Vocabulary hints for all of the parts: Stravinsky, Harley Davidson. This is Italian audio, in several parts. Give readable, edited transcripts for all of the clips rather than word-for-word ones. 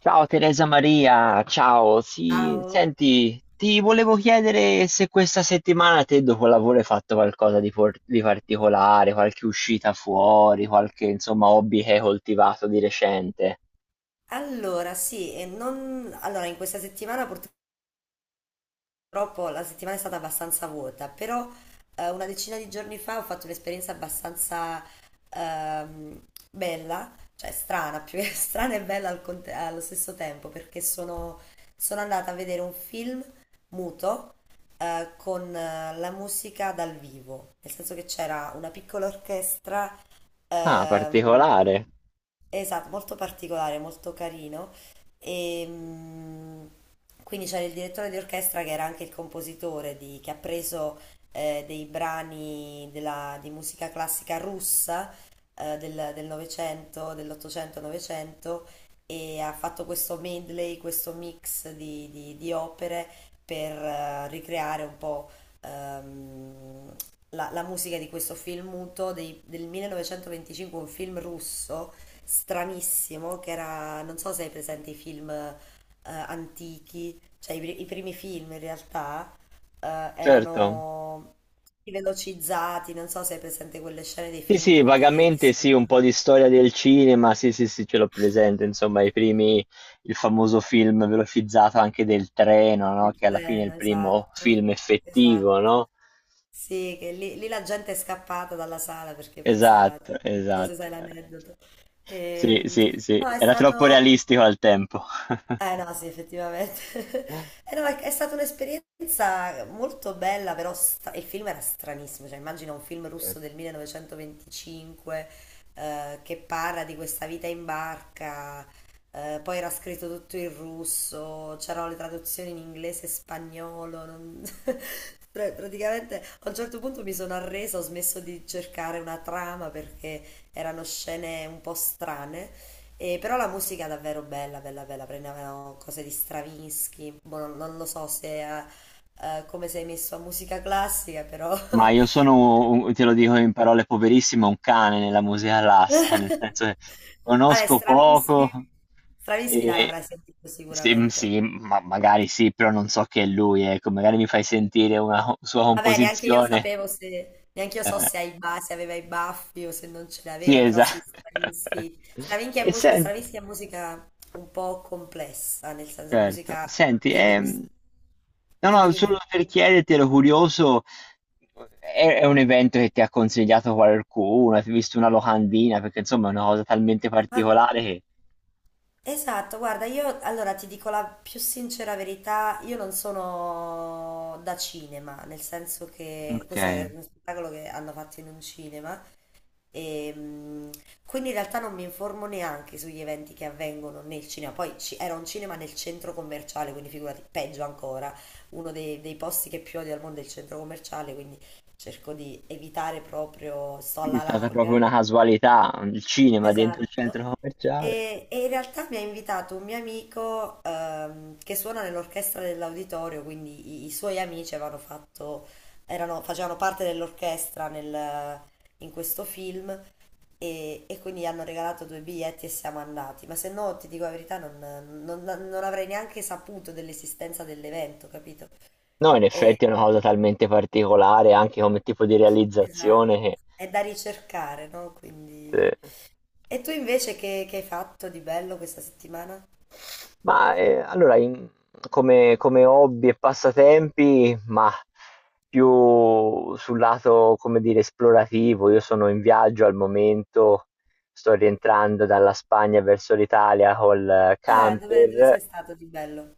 Ciao Teresa Maria, ciao. Sì, Ciao. senti, ti volevo chiedere se questa settimana te dopo lavoro hai fatto qualcosa di, di particolare, qualche uscita fuori, qualche insomma hobby che hai coltivato di recente. Allora, sì, e non... allora, in questa settimana purtroppo la settimana è stata abbastanza vuota, però una decina di giorni fa ho fatto un'esperienza abbastanza bella, cioè strana, più che strana e bella allo stesso tempo, perché sono andata a vedere un film muto con la musica dal vivo, nel senso che c'era una piccola orchestra. Ah, Ehm, particolare, esatto, molto particolare, molto carino. E, mm, quindi c'era il direttore di orchestra che era anche il compositore che ha preso dei brani di musica classica russa del Novecento, dell'Ottocento e Novecento, e ha fatto questo medley, questo mix di opere per ricreare un po' ehm, la musica di questo film muto del 1925, un film russo stranissimo, che era, non so se hai presente i film antichi, cioè i primi film in realtà certo. erano tutti velocizzati, non so se hai presente quelle scene dei Sì, film sì, muti che vagamente sono sì, un po' di storia del cinema, sì, sì, sì, ce l'ho presente, insomma, i primi, il famoso film velocizzato anche del treno, no? nel Che alla fine è treno, il primo esatto, film effettivo, esatto. no? Sì, che lì la gente è scappata dalla sala perché pensava, Esatto, non so se esatto. sai Eh. l'aneddoto. Sì, Ehm, sì, sì, no, è era troppo stato, realistico al tempo. eh no, Sì, effettivamente. No, è, È stata un'esperienza molto bella, però il film era stranissimo, cioè immagina un film russo del Certo. 1925 che parla di questa vita in barca, poi era scritto tutto in russo, c'erano le traduzioni in inglese e spagnolo, non- praticamente a un certo punto mi sono arresa, ho smesso di cercare una trama perché erano scene un po' strane. E però la musica è davvero bella, bella, bella. Prendevano cose di Stravinsky. Boh, non lo so se è come sei messo a musica classica, però. Ma io sono, te lo dico in parole poverissime, un cane nella musica classica, nel senso che Vabbè, conosco poco Stravinsky. Stravinsky dai, e l'avrai sentito sì, sicuramente. sì, ma magari sì, però non so che è lui, ecco, magari mi fai sentire una sua Vabbè, neanche io composizione. sapevo se. Neanche io so Eh, se, se aveva i baffi o se non ce sì, l'aveva, però sì, esatto. Stravinsky. E senti. Stravinsky è musica un po' complessa, nel senso è Certo. musica Senti, che devi. No, Dimmi, no, solo dimmi. per chiederti, ero curioso, è un evento che ti ha consigliato qualcuno? Hai visto una locandina? Perché insomma è una cosa talmente particolare che Esatto, guarda, io allora ti dico la più sincera verità, io non sono da cinema, nel senso che questo è okay, uno spettacolo che hanno fatto in un cinema e mm, quindi in realtà non mi informo neanche sugli eventi che avvengono nel cinema, poi era un cinema nel centro commerciale, quindi figurati, peggio ancora, uno dei posti che più odio al mondo è il centro commerciale, quindi cerco di evitare proprio, sto quindi è alla stata proprio larga. una casualità, il cinema dentro il Esatto. centro commerciale. E in realtà mi ha invitato un mio amico che suona nell'orchestra dell'auditorio, quindi i suoi amici facevano parte dell'orchestra in questo film e quindi gli hanno regalato due biglietti e siamo andati. Ma se no, ti dico la verità, non avrei neanche saputo dell'esistenza dell'evento, capito? No, in effetti è una cosa talmente particolare anche come tipo di Esatto, realizzazione che è da ricercare, no? sì. Quindi... E tu invece che hai fatto di bello questa settimana? Ma, allora in come hobby e passatempi, mah, più sul lato, come dire, esplorativo. Io sono in viaggio al momento, sto rientrando dalla Spagna verso l'Italia col Ah, dove camper. sei stato di bello?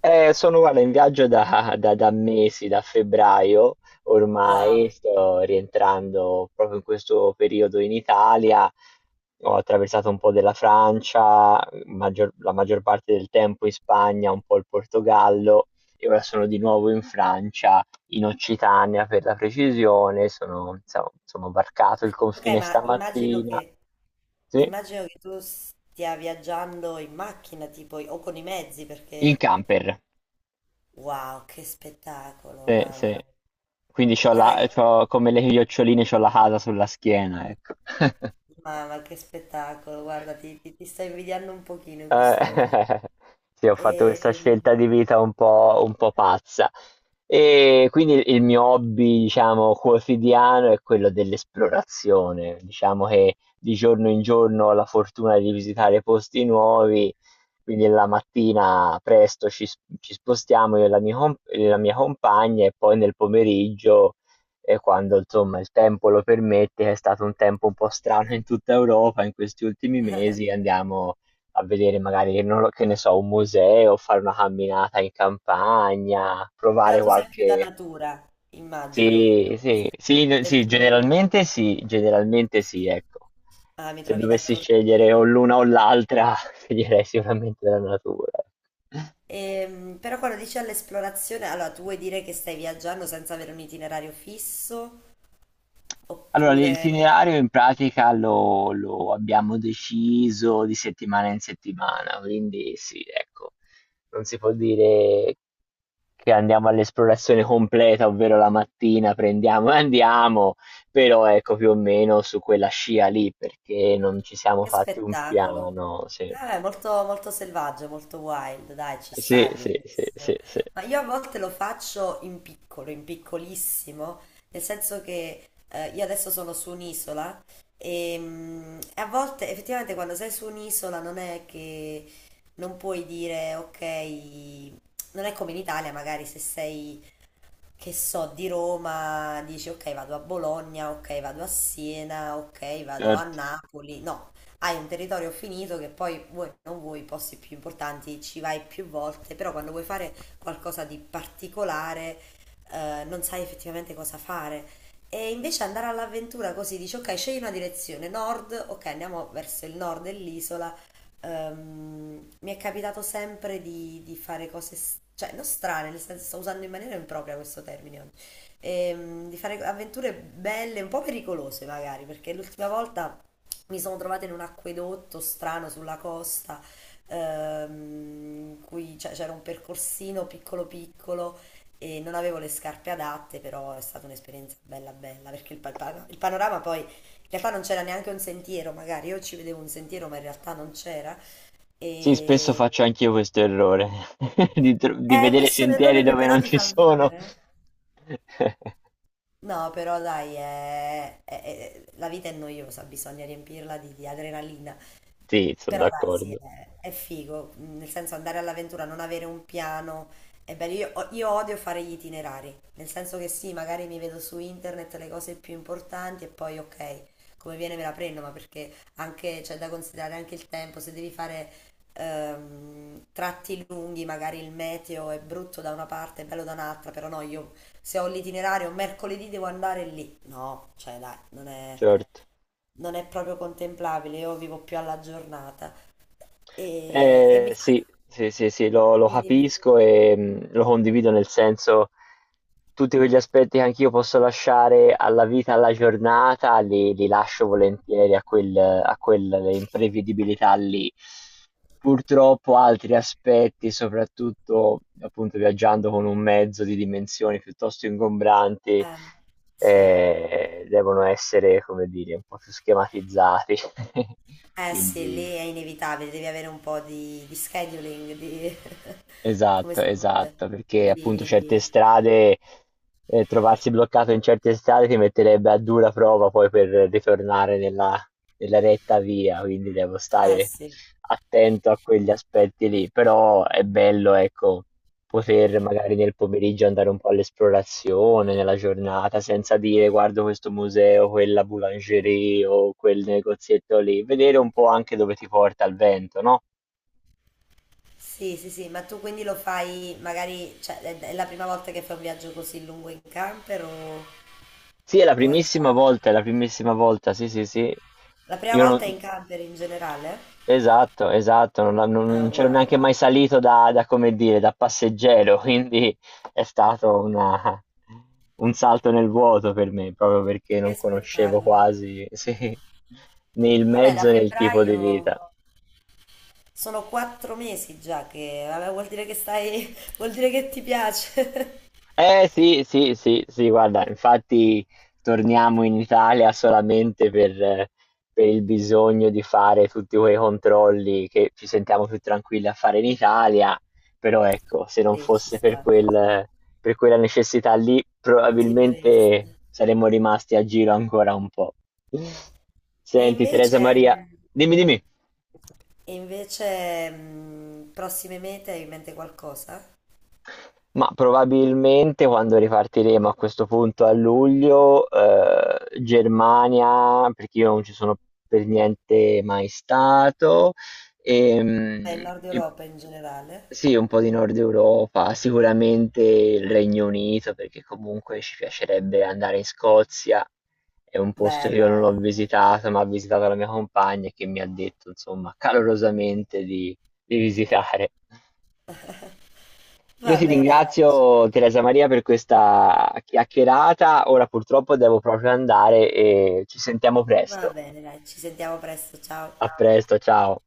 Eh, sono guarda, in viaggio da, da mesi, da febbraio ormai, Wow. sto rientrando proprio in questo periodo in Italia, ho attraversato un po' della Francia, la maggior parte del tempo in Spagna, un po' il Portogallo e ora sono di nuovo in Francia, in Occitania per la precisione, sono, insomma, sono varcato il Ok, confine stamattina, sì, immagino che tu stia viaggiando in macchina, tipo, o con i mezzi, in perché... camper. Wow, che spettacolo, Sì, mamma sì. mia. Quindi Guarda che... c'ho come le chioccioline, c'ho la casa sulla schiena, ecco. Mamma, che spettacolo, guarda, ti sto invidiando un pochino in Eh, questo momento. sì, ho fatto questa Ehm, scelta di vita un po' pazza. E quindi il mio hobby, diciamo, quotidiano è quello dell'esplorazione. Diciamo che di giorno in giorno ho la fortuna di visitare posti nuovi, quindi la mattina presto ci, ci spostiamo io e la mia, e la mia compagna e poi nel pomeriggio, quando insomma il tempo lo permette, che è stato un tempo un po' strano in tutta Europa in questi ultimi mesi, andiamo a vedere magari, non lo- che ne so, un museo, fare una camminata in campagna, Però provare tu sei più da qualche... natura, immagino. Sì, sì, sì, Sei sì, più... generalmente sì, generalmente sì, ecco. Ah, mi Se trovi dovessi scegliere o d'accordissimo. l'una o l'altra, sceglierei sicuramente la natura. Però quando dici all'esplorazione, allora tu vuoi dire che stai viaggiando senza avere un itinerario fisso? Allora, Oppure... l'itinerario in pratica lo abbiamo deciso di settimana in settimana, quindi sì, ecco, non si può dire che andiamo all'esplorazione completa, ovvero la mattina prendiamo e andiamo, però ecco più o meno su quella scia lì, perché non ci siamo Che fatti un spettacolo. piano. Sì, Ah, è molto, molto selvaggio, molto wild, dai, ci sta, sì, è sì, sì, sì, bellissimo. sì, Ma io a volte lo faccio in piccolo, in piccolissimo, nel senso che io adesso sono su un'isola e a volte effettivamente quando sei su un'isola non è che non puoi dire ok, non è come in Italia, magari se sei che so, di Roma, dici ok vado a Bologna, ok vado a Siena, ok vado a certo. Napoli, no, hai un territorio finito che poi vuoi o non vuoi, i posti più importanti ci vai più volte, però quando vuoi fare qualcosa di particolare non sai effettivamente cosa fare. E invece andare all'avventura così dici ok, scegli una direzione, nord, ok andiamo verso il nord dell'isola. Mi è capitato sempre di fare cose, cioè non strane, nel senso sto usando in maniera impropria questo termine oggi. Di fare avventure belle, un po' pericolose magari, perché l'ultima volta mi sono trovata in un acquedotto strano sulla costa, ehm, in cui c'era un percorsino piccolo piccolo e non avevo le scarpe adatte, però è stata un'esperienza bella bella, perché il panorama poi in realtà non c'era neanche un sentiero, magari io ci vedevo un sentiero, ma in realtà non c'era. Sì, spesso E... faccio anch'io questo errore di, di vedere questo è un sentieri errore che dove però non ti ci fa sono. vivere. No, però dai, la vita è noiosa, bisogna riempirla di adrenalina. Sì, sono Però dai, sì, d'accordo, è figo, mm, nel senso andare all'avventura, non avere un piano, è bello. Io odio fare gli itinerari, nel senso che sì, magari mi vedo su internet le cose più importanti e poi ok, come viene me la prendo, ma perché anche c'è da considerare anche il tempo, se devi fare tratti lunghi, magari il meteo è brutto da una parte, è bello da un'altra, però no, io se ho l'itinerario mercoledì devo andare lì, no, cioè dai, certo. non è proprio contemplabile, io vivo più alla giornata e mi sa. Sì, sì, sì, sì, lo Dimmi, dimmi. capisco e lo condivido nel senso tutti quegli aspetti che anch'io posso lasciare alla vita, alla giornata, li lascio volentieri a a quelle imprevedibilità lì. Purtroppo altri aspetti, soprattutto appunto viaggiando con un mezzo di dimensioni piuttosto ingombranti, Eh, sì. Devono essere, come dire, un po' più schematizzati. Eh sì, lì Quindi è inevitabile, devi avere un po' di scheduling, di... come esatto, si dice? esatto, perché appunto certe Di... strade, trovarsi bloccato in certe strade ti metterebbe a dura prova poi per ritornare nella, nella retta via, quindi devo Eh stare sì. attento a quegli aspetti lì, però è bello, ecco, poter magari nel pomeriggio andare un po' all'esplorazione, nella giornata, senza dire guardo questo museo, quella boulangerie o quel negozietto lì, vedere un po' anche dove ti porta il vento, no? Sì, sì, sì, ma tu quindi lo fai magari, cioè è la prima volta che fai un viaggio così lungo in camper Sì, è la o hai già... primissima volta, è la primissima volta, sì, sì, sì. La prima Io eh, volta è non... in camper in generale? Esatto, esatto, non Ah, c'ero wow, neanche mai salito da, da, come dire, da passeggero, quindi è stato un salto nel vuoto per me, proprio perché che non conoscevo spettacolo. quasi, sì, né il Vabbè, da mezzo né il tipo di febbraio vita. sono quattro mesi già che, vabbè, vuol dire che stai, vuol dire che ti piace. Eh sì, sì, sì, sì, guarda, infatti torniamo in Italia solamente per il bisogno di fare tutti quei controlli che ci sentiamo più tranquilli a fare in Italia, però ecco, se non Sì, ci fosse per sta, quel, per quella necessità lì, continueresti. probabilmente saremmo rimasti a giro ancora un po'. E Senti, Teresa invece, Maria, dimmi, dimmi. e invece, prossime mete hai in mente qualcosa? Ma probabilmente quando ripartiremo a questo punto a luglio, Germania, perché io non ci sono per niente mai stato, Beh, il Nord e Europa in generale. sì, un po' di Nord Europa, sicuramente il Regno Unito, perché comunque ci piacerebbe andare in Scozia, è un posto che io Bello, non ho bello. visitato, ma ha visitato la mia compagna e che mi ha detto, insomma, calorosamente di visitare. Io Va ti bene, dai, ci- ringrazio Teresa Maria per questa chiacchierata. Ora purtroppo devo proprio andare e ci sentiamo va presto. bene, dai, ci sentiamo presto, ciao. A presto, ciao.